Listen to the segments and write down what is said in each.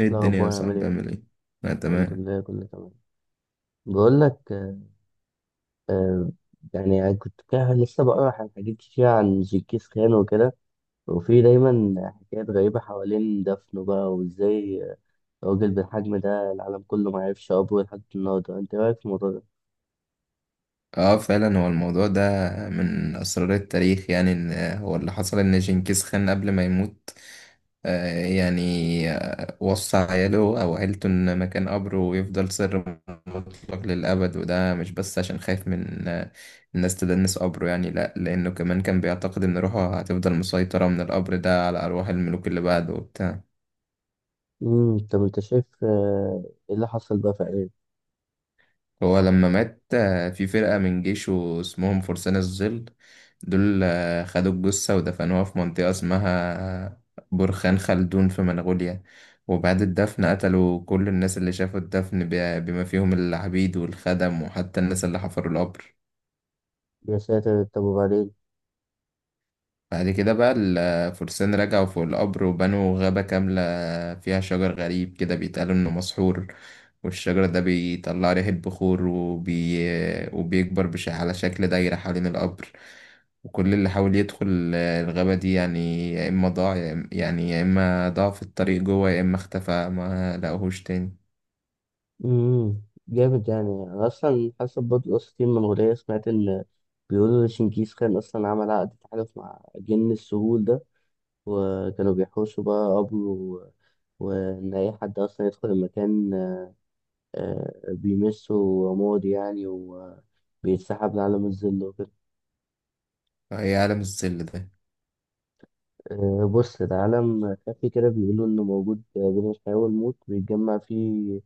ايه الدنيا يا الأخبار عامل صاحبي إيه؟ عامل ايه؟ لا، الحمد تمام. لله كله تمام. بقول لك، آه يعني أنا كنت كده لسه بقرا عن حاجات كتير عن جنكيز خان وكده. وفي دايما حكايات غريبة حوالين دفنه، بقى وإزاي راجل بالحجم ده العالم كله ما عرفش قبره لحد النهاردة. أنت إيه رأيك في الموضوع ده؟ اه، فعلا هو الموضوع ده من اسرار التاريخ، يعني ان هو اللي حصل ان جنكيز خان قبل ما يموت، آه يعني وصى عياله او عيلته ان مكان قبره يفضل سر مطلق للابد. وده مش بس عشان خايف من الناس تدنس قبره، يعني لا، لانه كمان كان بيعتقد ان روحه هتفضل مسيطرة من القبر ده على ارواح الملوك اللي بعده وبتاع. طب أنت شايف، إيه اللي حصل بقى فعليا؟ هو لما مات، في فرقة من جيشه اسمهم فرسان الظل. دول خدوا الجثة ودفنوها في منطقة اسمها آه، برخان خلدون في منغوليا. وبعد الدفن قتلوا كل الناس اللي شافوا الدفن، بما فيهم العبيد والخدم وحتى الناس اللي حفروا القبر. يا ساتر، طب وبعدين؟ بعد كده بقى الفرسان رجعوا فوق القبر وبنوا غابة كاملة فيها شجر غريب كده بيتقال إنه مسحور. والشجر ده بيطلع ريح البخور وبيكبر على شكل دايرة حوالين القبر. وكل اللي حاول يدخل الغابة دي، يعني يا إما ضاع، يا إما ضاع في الطريق جوه، يا إما اختفى ما لقوهوش تاني. امم جامد. يعني انا اصلا حسب برضه قصة المنغولية، سمعت ان بيقولوا شنكيز خان اصلا عمل عقد تحالف مع جن السهول ده، وكانوا بيحوشوا بقى قبره وان اي حد اصلا يدخل المكان، بيمسه وماضي يعني، وبيتسحب لعالم الظل وكده. فهي عالم الظل ده. بص ده عالم خفي كده، بيقولوا إنه موجود بين الحياة والموت، بيتجمع فيه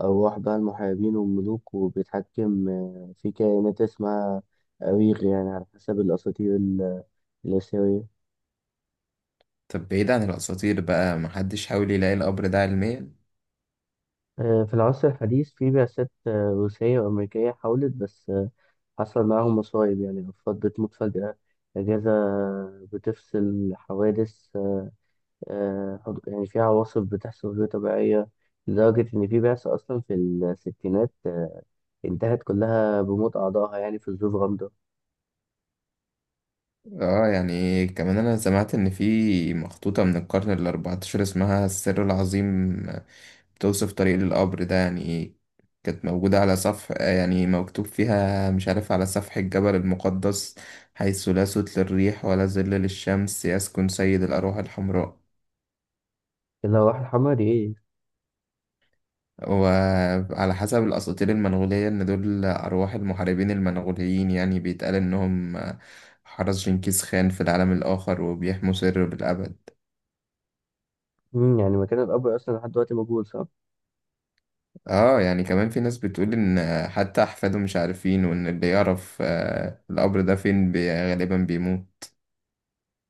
أرواح بقى المحاربين والملوك، وبيتحكم في كائنات اسمها أويغ، يعني على حسب الأساطير الآسيوية. طب بعيد عن الأساطير بقى، محدش حاول يلاقي القبر ده علميا؟ في العصر الحديث في بعثات روسية وأمريكية حاولت، بس حصل معاهم مصايب. يعني أفراد بتموت فجأة، أجهزة بتفصل، حوادث، يعني في عواصف بتحصل غير طبيعية، لدرجة إن في بعثة أصلا في الستينات انتهت كلها بموت أعضائها يعني في ظروف غامضة. اه، يعني كمان أنا سمعت إن في مخطوطة من القرن الأربعتاشر اسمها السر العظيم، بتوصف طريق القبر ده، يعني ايه. كانت موجودة على صفح، يعني مكتوب فيها مش عارف، على سفح الجبل المقدس، حيث لا صوت للريح ولا ظل للشمس يسكن سيد الأرواح الحمراء. اللي هو الحمراء دي إيه؟ وعلى حسب الأساطير المنغولية، إن دول أرواح المحاربين المنغوليين، يعني بيتقال إنهم حرس جنكيز خان في العالم الآخر وبيحموا سره بالأبد. يعني مكان القبر أصلا لحد دلوقتي موجود، صح؟ اه، يعني كمان في ناس بتقول ان حتى احفاده مش عارفين، وان اللي يعرف القبر ده فين غالبا بيموت.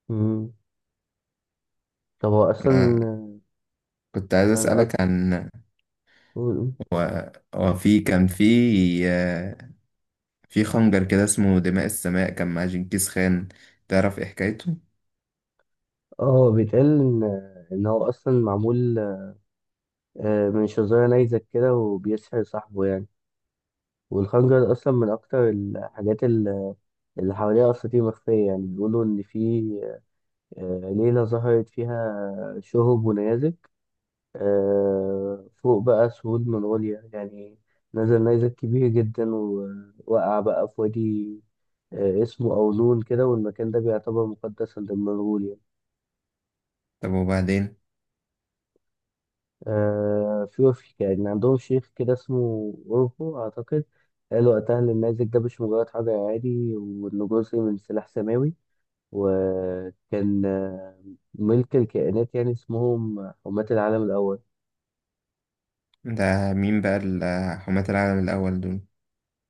مم. طب هو أصلا أنا آه، كنت عايز أنا أسألك عن أقول- هو في كان في آه، في خنجر كده اسمه دماء السماء، كان مع جنكيز خان. تعرف إيه حكايته؟ بيتقال إن إن هو أصلا معمول من شظايا نيزك كده، وبيسحر صاحبه يعني. والخنجر أصلا من أكتر الحاجات اللي حواليها أساطير مخفية. يعني بيقولوا إن في ليلة ظهرت فيها شهب ونيازك فوق بقى سهول منغوليا، يعني نزل نيزك كبير جدا، ووقع بقى في وادي اسمه أولون كده، والمكان ده بيعتبر مقدسا لمنغوليا. طب وبعدين، آه، في وفي يعني عندهم شيخ كده اسمه أوربو أعتقد، قال وقتها إن النيزك ده مش مجرد حجر عادي، وإنه جزء من سلاح سماوي. وكان ملك الكائنات يعني، اسمهم حماة العالم الأول. ده مين بقى حماة العالم الأول دول؟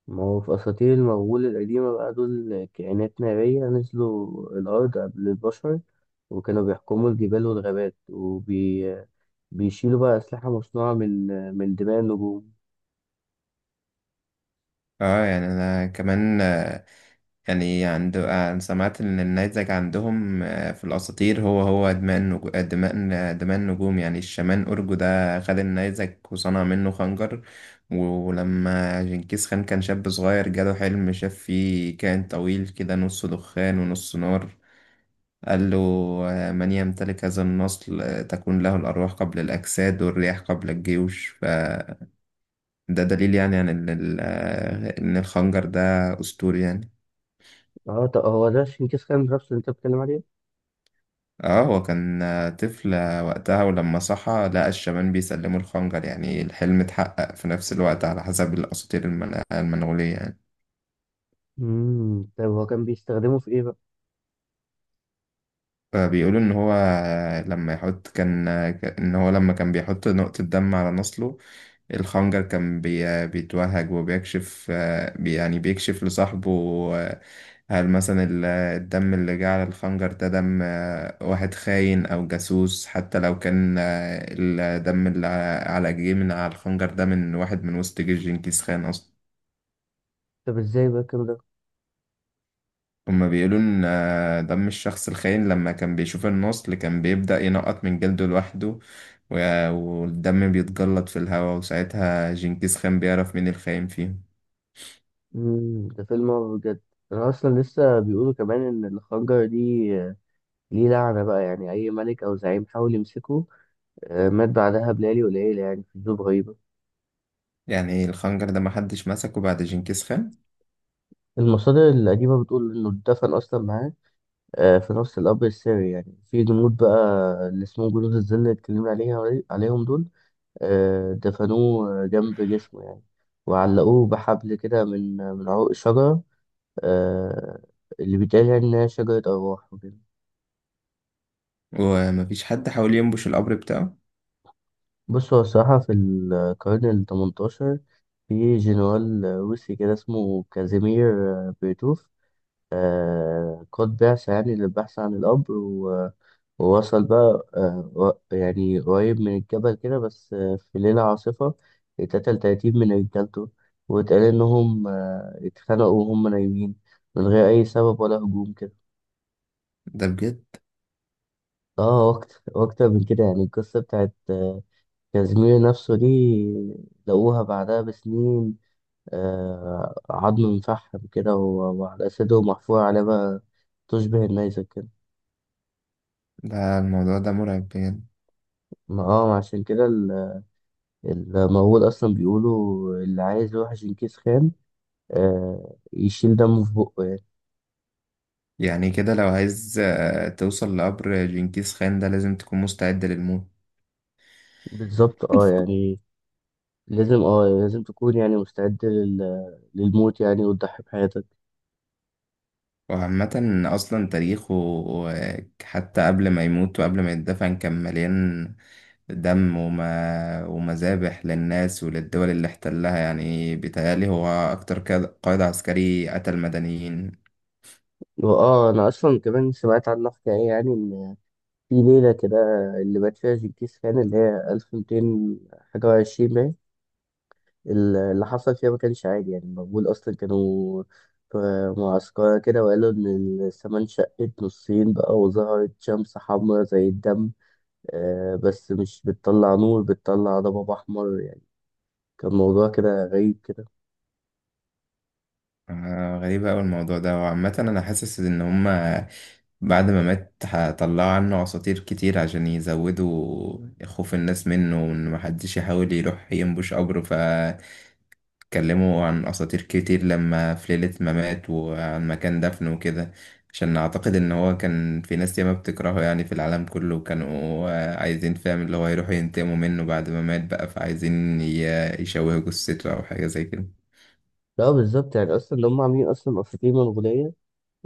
ما هو في أساطير المغول القديمة بقى، دول كائنات نارية نزلوا الأرض قبل البشر، وكانوا بيحكموا الجبال والغابات، بيشيلوا بقى أسلحة مصنوعة من دماء النجوم. اه، يعني أنا كمان، آه، يعني عند آه، سمعت إن النيزك عندهم في الأساطير، هو دماء النجو... آه، دماء آه، دماء النجوم. يعني الشامان أورجو ده خد النيزك وصنع منه خنجر. ولما جنكيز خان كان شاب صغير، جاله حلم شاف فيه كائن طويل كده نص دخان ونص نار، قال له: من يمتلك هذا النصل تكون له الأرواح قبل الأجساد والرياح قبل الجيوش. فده دليل، يعني عن إن إن الخنجر ده أسطوري يعني. اه، طب هو ده شينكيز خان نفسه اللي انت بتتكلم عليه؟ اه، هو كان طفل وقتها، ولما صحى لقى الشبان بيسلموا الخنجر، يعني الحلم اتحقق في نفس الوقت على حسب الأساطير المنغولية يعني. طب هو كان بيستخدمه في ايه بقى؟ فبيقولوا ان هو لما كان بيحط نقطة دم على نصله، الخنجر كان بيتوهج وبيكشف آه، بي- يعني بيكشف لصاحبه آه، هل مثلا الدم اللي جه على الخنجر ده دم واحد خاين أو جاسوس، حتى لو كان الدم اللي جه من على الخنجر ده من واحد من وسط جيش جنكيز خان أصلا. طب ازاي بقى الكلام ده؟ هما بيقولوا إن دم الشخص الخاين لما كان بيشوف النصل كان بيبدأ ينقط من جلده لوحده. والدم بيتجلط في الهواء، وساعتها جنكيز خان بيعرف مين الخاين فيهم. ده فيلم هو بجد. انا اصلا لسه بيقولوا كمان ان الخنجر دي ليه لعنة بقى، يعني اي ملك او زعيم حاول يمسكه مات بعدها بليالي قليلة يعني في ظروف غريبة. يعني إيه، الخنجر ده محدش مسكه بعد جنكيز خان؟ المصادر القديمة بتقول إنه اتدفن أصلا معاه في نفس القبر السري، يعني في جنود بقى اللي اسمهم جنود الظل اللي اتكلمنا عليهم دول. دفنوه جنب جسمه يعني، وعلقوه بحبل كده من عروق الشجرة، آه، اللي بيتقال يعني إنها شجرة أرواح وكده. ومفيش حد حاول ينبش القبر بتاعه؟ بص هو الصراحة في القرن التمنتاشر في جنرال روسي كده اسمه كازيمير بيرتوف، قد بعث يعني للبحث عن الأمر ووصل بقى يعني قريب من الجبل كده، بس في ليلة عاصفة اتقتل تلاتين من رجالته، واتقال إنهم اتخانقوا وهم نايمين من غير أي سبب ولا هجوم كده. ده بجد. اه، وأكتر وأكتر من كده. يعني القصة بتاعت كازيمير نفسه دي، لقوها بعدها بسنين عظم مفحم كده، وعلى أسده محفور عليه بقى تشبه النيزك كده. ده الموضوع ده مرعب بجد. ما اه، عشان كده المقول اصلا بيقولوا، اللي عايز يوحش ينكيس خان يشيل دمه في بقه يعني. يعني كده لو عايز توصل لقبر جنكيز خان ده، لازم تكون مستعد للموت. بالظبط. اه، يعني لازم تكون يعني مستعد للموت، يعني وتضحي بحياتك. وعامة أصلا تاريخه، حتى قبل ما يموت وقبل ما يتدفن، كان مليان دم وما ومذابح للناس وللدول اللي احتلها. يعني بيتهيألي هو أكتر قائد عسكري قتل مدنيين. واه، انا اصلا كمان سمعت عنها حكايه، يعني ان في ليله كده اللي مات فيها جنكيز خان، اللي هي 1200 حاجه وعشرين، اللي حصل فيها ما كانش عادي. يعني المغول أصلا كانوا في معسكرة كده، وقالوا إن السماء انشقت نصين بقى، وظهرت شمس حمراء زي الدم، بس مش بتطلع نور، بتطلع ضباب أحمر يعني، كان موضوع كده غريب كده. غريبة أوي الموضوع ده. وعامة أنا حاسس إن هما بعد ما مات هطلعوا عنه أساطير كتير عشان يزودوا خوف الناس منه وإن محدش يحاول يروح ينبش قبره. اتكلموا عن أساطير كتير لما في ليلة ما مات وعن مكان دفنه وكده، عشان أعتقد إن هو كان في ناس ياما بتكرهه، يعني في العالم كله، وكانوا عايزين، فاهم اللي هو، يروحوا ينتقموا منه بعد ما مات بقى. فعايزين يشوهوا جثته أو حاجة زي كده. لا بالظبط، يعني أصلا اللي هم عاملين أصلا أفريقيا منغولية،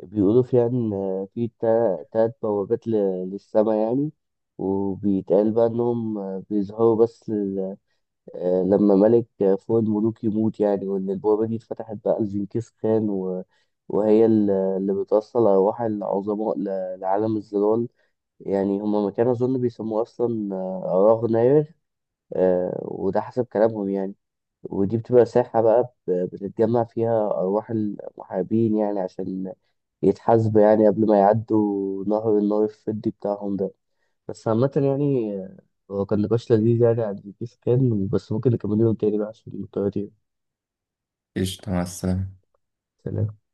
بيقولوا فيها إن تلات بوابات للسماء، يعني وبيتقال بقى إنهم بيظهروا بس لما ملك فوق الملوك يموت، يعني وإن البوابة دي اتفتحت بقى لجنكيز خان وهي اللي بتوصل أرواح العظماء لعالم الظلال. يعني هما ما كانوا أظن بيسموه أصلا أراغ ناير، وده حسب كلامهم يعني. ودي بتبقى ساحة بقى بتتجمع فيها أرواح المحاربين، يعني عشان يتحاسبوا يعني قبل ما يعدوا نهر النار الفضي بتاعهم ده. بس عامة يعني، هو كان نقاش لذيذ يعني عن GPS Khan، بس ممكن نكمله يوم تاني بقى عشان الطيارة دي. قشطة، مع السلامة. سلام